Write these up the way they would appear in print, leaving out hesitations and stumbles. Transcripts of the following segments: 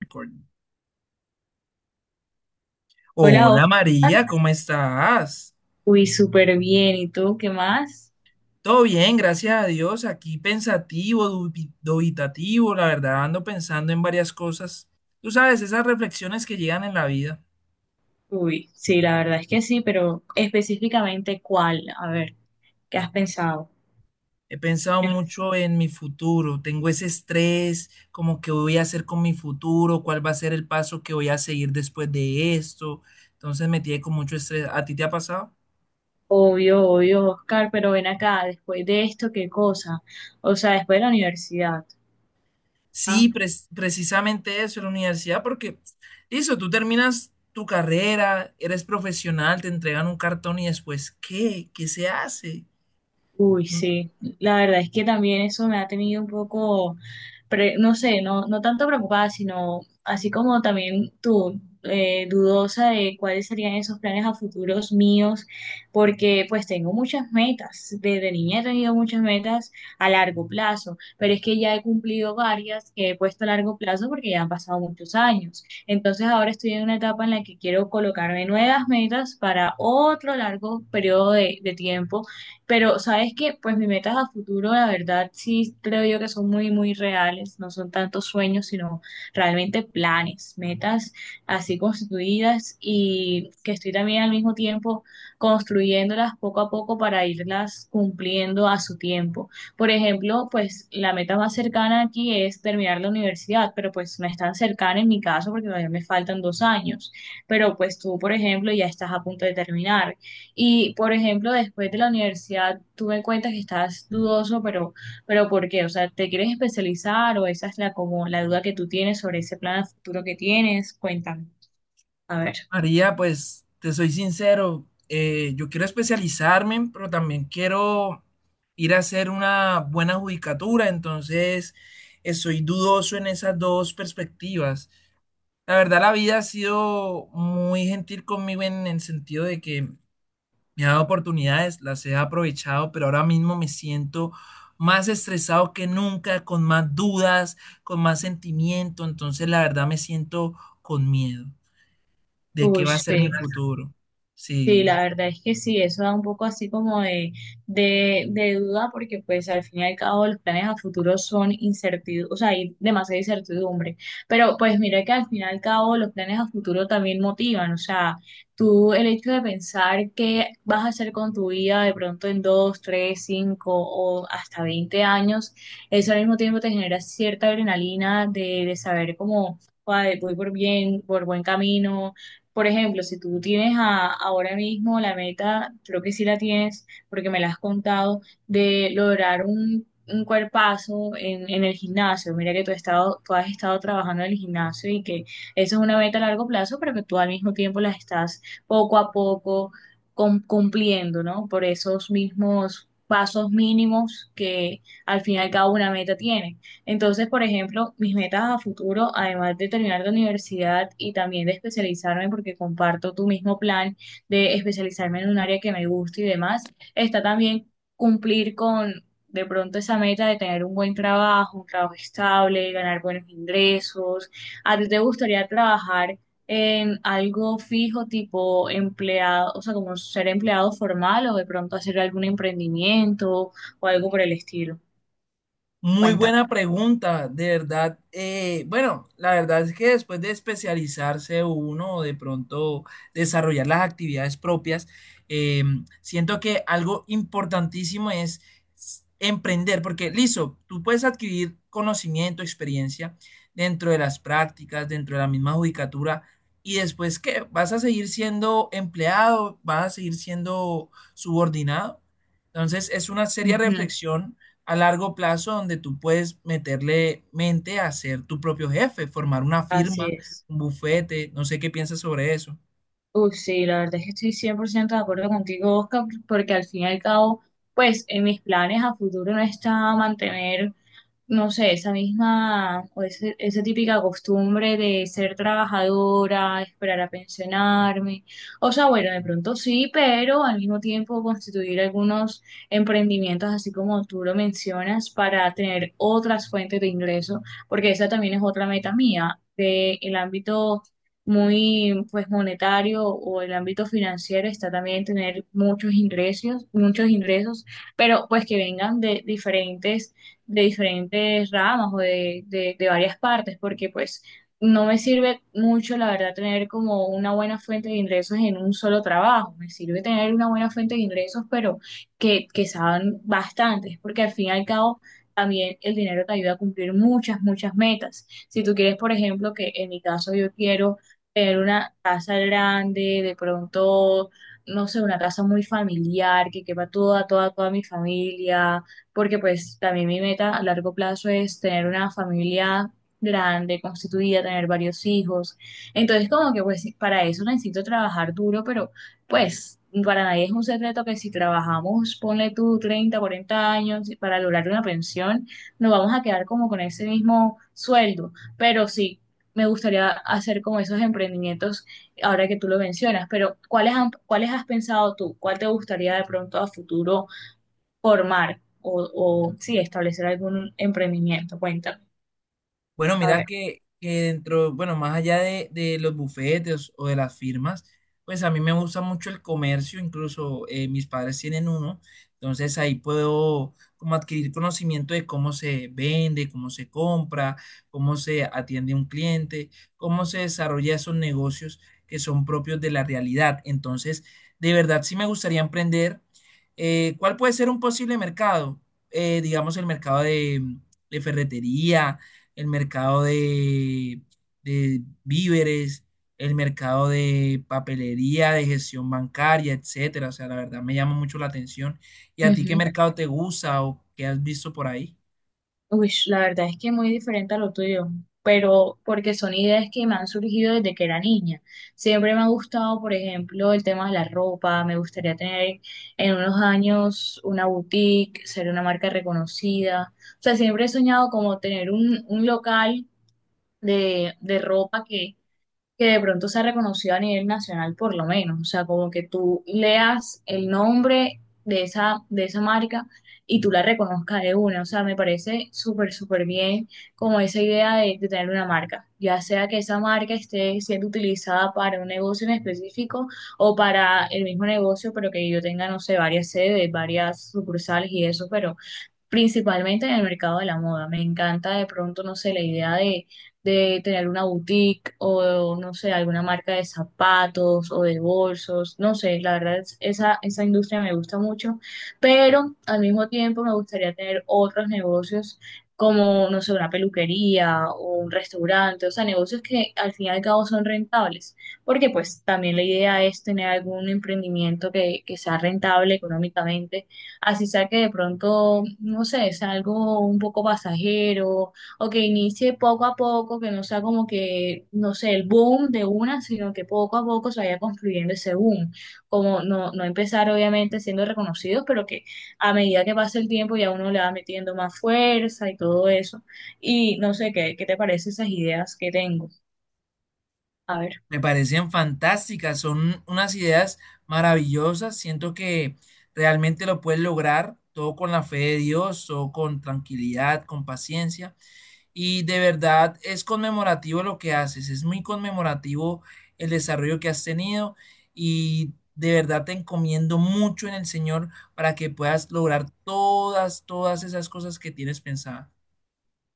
Recording. Hola, Hola Oscar. María, ¿cómo estás? Uy, súper bien. ¿Y tú qué más? Todo bien, gracias a Dios. Aquí pensativo, dubitativo, la verdad, ando pensando en varias cosas. Tú sabes, esas reflexiones que llegan en la vida. Uy, sí, la verdad es que sí, pero específicamente cuál, a ver, ¿qué has pensado? He pensado mucho en mi futuro. Tengo ese estrés, como que voy a hacer con mi futuro, cuál va a ser el paso que voy a seguir después de esto. Entonces me tiene con mucho estrés. ¿A ti te ha pasado? Obvio, obvio, Oscar, pero ven acá, después de esto, ¿qué cosa? O sea, después de la universidad. ¿Ah? Sí, precisamente eso, la universidad, porque listo, tú terminas tu carrera, eres profesional, te entregan un cartón y después, ¿qué? ¿Qué se hace? Uy, Mm, sí, la verdad es que también eso me ha tenido un poco, no sé, no, no tanto preocupada, sino así como también tú, dudosa de cuáles serían esos planes a futuros míos, porque pues tengo muchas metas, desde niña he tenido muchas metas a largo plazo, pero es que ya he cumplido varias que he puesto a largo plazo porque ya han pasado muchos años. Entonces ahora estoy en una etapa en la que quiero colocarme nuevas metas para otro largo periodo de tiempo, pero, ¿sabes que pues mis metas a futuro, la verdad, sí creo yo que son muy, muy reales? No son tantos sueños, sino realmente planes, metas así constituidas y que estoy también al mismo tiempo construyéndolas poco a poco para irlas cumpliendo a su tiempo. Por ejemplo, pues la meta más cercana aquí es terminar la universidad, pero pues no es tan cercana en mi caso porque todavía me faltan 2 años. Pero pues tú, por ejemplo, ya estás a punto de terminar. Y, por ejemplo, después de la universidad, tú me cuentas que estás dudoso, pero ¿por qué? O sea, ¿te quieres especializar o esa es como la duda que tú tienes sobre ese plan a futuro que tienes? Cuéntame. A ver. María, pues, te soy sincero, yo quiero especializarme, pero también quiero ir a hacer una buena judicatura, entonces soy dudoso en esas dos perspectivas. La verdad, la vida ha sido muy gentil conmigo en el sentido de que me ha dado oportunidades, las he aprovechado, pero ahora mismo me siento más estresado que nunca, con más dudas, con más sentimiento. Entonces, la verdad, me siento con miedo de qué Uy, va a ser sí. mi futuro. Sí, Sí. la verdad es que sí, eso da un poco así como de duda porque pues al fin y al cabo los planes a futuro son incertidumbre, o sea, hay demasiada incertidumbre, pero pues mira que al fin y al cabo los planes a futuro también motivan, o sea, tú el hecho de pensar qué vas a hacer con tu vida de pronto en 2, 3, 5 o hasta 20 años, eso al mismo tiempo te genera cierta adrenalina de saber cómo, ay, voy por bien, por buen camino. Por ejemplo, si tú tienes ahora mismo la meta, creo que sí la tienes, porque me la has contado, de lograr un cuerpazo en el gimnasio. Mira que tú has estado trabajando en el gimnasio y que eso es una meta a largo plazo, pero que tú al mismo tiempo las estás poco a poco cumpliendo, ¿no? Por esos mismos pasos mínimos que al final cada una meta tiene. Entonces, por ejemplo, mis metas a futuro, además de terminar la universidad y también de especializarme, porque comparto tu mismo plan de especializarme en un área que me gusta y demás, está también cumplir con de pronto esa meta de tener un buen trabajo, un trabajo estable, ganar buenos ingresos. ¿A ti te gustaría trabajar en algo fijo, tipo empleado, o sea, como ser empleado formal o de pronto hacer algún emprendimiento o algo por el estilo? Muy Cuéntame. buena pregunta, de verdad. Bueno, la verdad es que después de especializarse uno o de pronto desarrollar las actividades propias, eh, siento que algo importantísimo es emprender, porque listo, tú puedes adquirir conocimiento, experiencia dentro de las prácticas, dentro de la misma judicatura, y después, ¿qué? Vas a seguir siendo empleado, vas a seguir siendo subordinado. Entonces, es una seria Ujú. reflexión a largo plazo donde tú puedes meterle mente a ser tu propio jefe, formar una Así firma, es. un bufete, no sé qué piensas sobre eso. Uf, sí, la verdad es que estoy 100% de acuerdo contigo, Oscar, porque al fin y al cabo, pues en mis planes a futuro no está mantener, no sé, esa misma o esa típica costumbre de ser trabajadora, esperar a pensionarme. O sea, bueno, de pronto sí, pero al mismo tiempo constituir algunos emprendimientos, así como tú lo mencionas, para tener otras fuentes de ingreso, porque esa también es otra meta mía, de el ámbito muy pues monetario o el ámbito financiero, está también tener muchos ingresos, pero pues que vengan de diferentes ramas o de varias partes, porque pues no me sirve mucho, la verdad, tener como una buena fuente de ingresos en un solo trabajo. Me sirve tener una buena fuente de ingresos, pero que sean bastantes, porque al fin y al cabo también el dinero te ayuda a cumplir muchas, muchas metas. Si tú quieres, por ejemplo, que en mi caso yo quiero tener una casa grande, de pronto, no sé, una casa muy familiar, que quepa toda, toda, toda mi familia, porque pues también mi meta a largo plazo es tener una familia grande, constituida, tener varios hijos. Entonces, como que pues para eso necesito trabajar duro, pero pues, para nadie es un secreto que si trabajamos, ponle tú 30, 40 años para lograr una pensión, nos vamos a quedar como con ese mismo sueldo. Pero sí, me gustaría hacer como esos emprendimientos ahora que tú lo mencionas, pero ¿cuáles has pensado tú? ¿Cuál te gustaría de pronto a futuro formar o sí, establecer algún emprendimiento? Cuéntame. Bueno, A mira ver. Que dentro, bueno, más allá de los bufetes o de las firmas, pues a mí me gusta mucho el comercio, incluso mis padres tienen uno, entonces ahí puedo como adquirir conocimiento de cómo se vende, cómo se compra, cómo se atiende un cliente, cómo se desarrolla esos negocios que son propios de la realidad. Entonces, de verdad sí me gustaría emprender. ¿Cuál puede ser un posible mercado? Digamos el mercado de ferretería, el mercado de víveres, el mercado de papelería, de gestión bancaria, etcétera. O sea, la verdad me llama mucho la atención. ¿Y a ti qué Ujú. mercado te gusta o qué has visto por ahí? Uy, la verdad es que muy diferente a lo tuyo, pero porque son ideas que me han surgido desde que era niña. Siempre me ha gustado, por ejemplo, el tema de la ropa. Me gustaría tener en unos años una boutique, ser una marca reconocida. O sea, siempre he soñado como tener un local de ropa que de pronto sea reconocido a nivel nacional por lo menos, o sea, como que tú leas el nombre de esa, marca y tú la reconozcas de una, o sea, me parece súper, súper bien como esa idea de tener una marca, ya sea que esa marca esté siendo utilizada para un negocio en específico o para el mismo negocio, pero que yo tenga, no sé, varias sedes, varias sucursales y eso, pero principalmente en el mercado de la moda. Me encanta de pronto, no sé, la idea de tener una boutique o, no sé, alguna marca de zapatos o de bolsos, no sé, la verdad, esa industria me gusta mucho, pero al mismo tiempo me gustaría tener otros negocios como, no sé, una peluquería o un restaurante, o sea, negocios que al fin y al cabo son rentables, porque pues también la idea es tener algún emprendimiento que sea rentable económicamente, así sea que de pronto, no sé, sea algo un poco pasajero o que inicie poco a poco, que no sea como que, no sé, el boom de una, sino que poco a poco se vaya construyendo ese boom. Como no, no empezar obviamente siendo reconocidos, pero que a medida que pasa el tiempo ya uno le va metiendo más fuerza y todo eso. Y no sé, ¿qué te parece esas ideas que tengo? A ver. Me parecen fantásticas, son unas ideas maravillosas. Siento que realmente lo puedes lograr todo con la fe de Dios, todo con tranquilidad, con paciencia. Y de verdad es conmemorativo lo que haces, es muy conmemorativo el desarrollo que has tenido y de verdad te encomiendo mucho en el Señor para que puedas lograr todas, todas esas cosas que tienes pensada.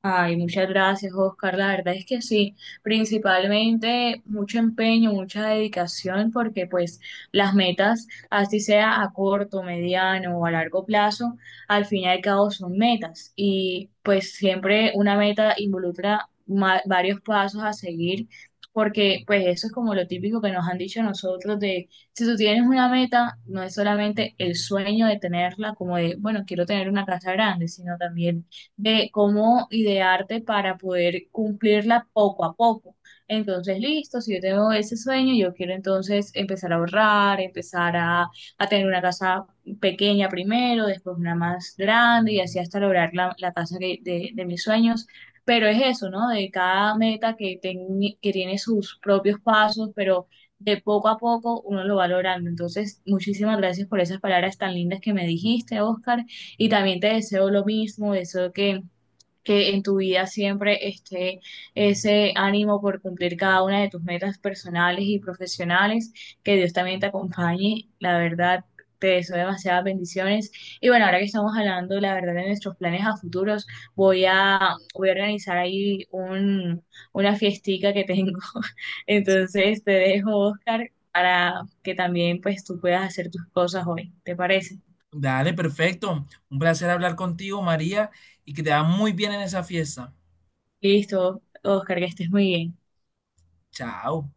Ay, muchas gracias, Oscar. La verdad es que sí, principalmente mucho empeño, mucha dedicación, porque pues las metas, así sea a corto, mediano o a largo plazo, al fin y al cabo son metas. Y pues siempre una meta involucra varios pasos a seguir, porque pues eso es como lo típico que nos han dicho a nosotros de, si tú tienes una meta, no es solamente el sueño de tenerla, como de, bueno, quiero tener una casa grande, sino también de cómo idearte para poder cumplirla poco a poco. Entonces, listo, si yo tengo ese sueño, yo quiero entonces empezar a ahorrar, empezar a tener una casa pequeña primero, después una más grande y así hasta lograr la casa de mis sueños. Pero es eso, ¿no? De cada meta que tiene sus propios pasos, pero de poco a poco uno lo va logrando. Entonces, muchísimas gracias por esas palabras tan lindas que me dijiste, Oscar. Y también te deseo lo mismo, deseo que en tu vida siempre esté ese ánimo por cumplir cada una de tus metas personales y profesionales, que Dios también te acompañe, la verdad. Te deseo demasiadas bendiciones. Y bueno, ahora que estamos hablando, la verdad, de nuestros planes a futuros, voy a, voy a organizar ahí una fiestica que tengo. Entonces te dejo, Oscar, para que también pues tú puedas hacer tus cosas hoy. ¿Te parece? Dale, perfecto. Un placer hablar contigo, María, y que te va muy bien en esa fiesta. Listo, Oscar, que estés muy bien. Chao.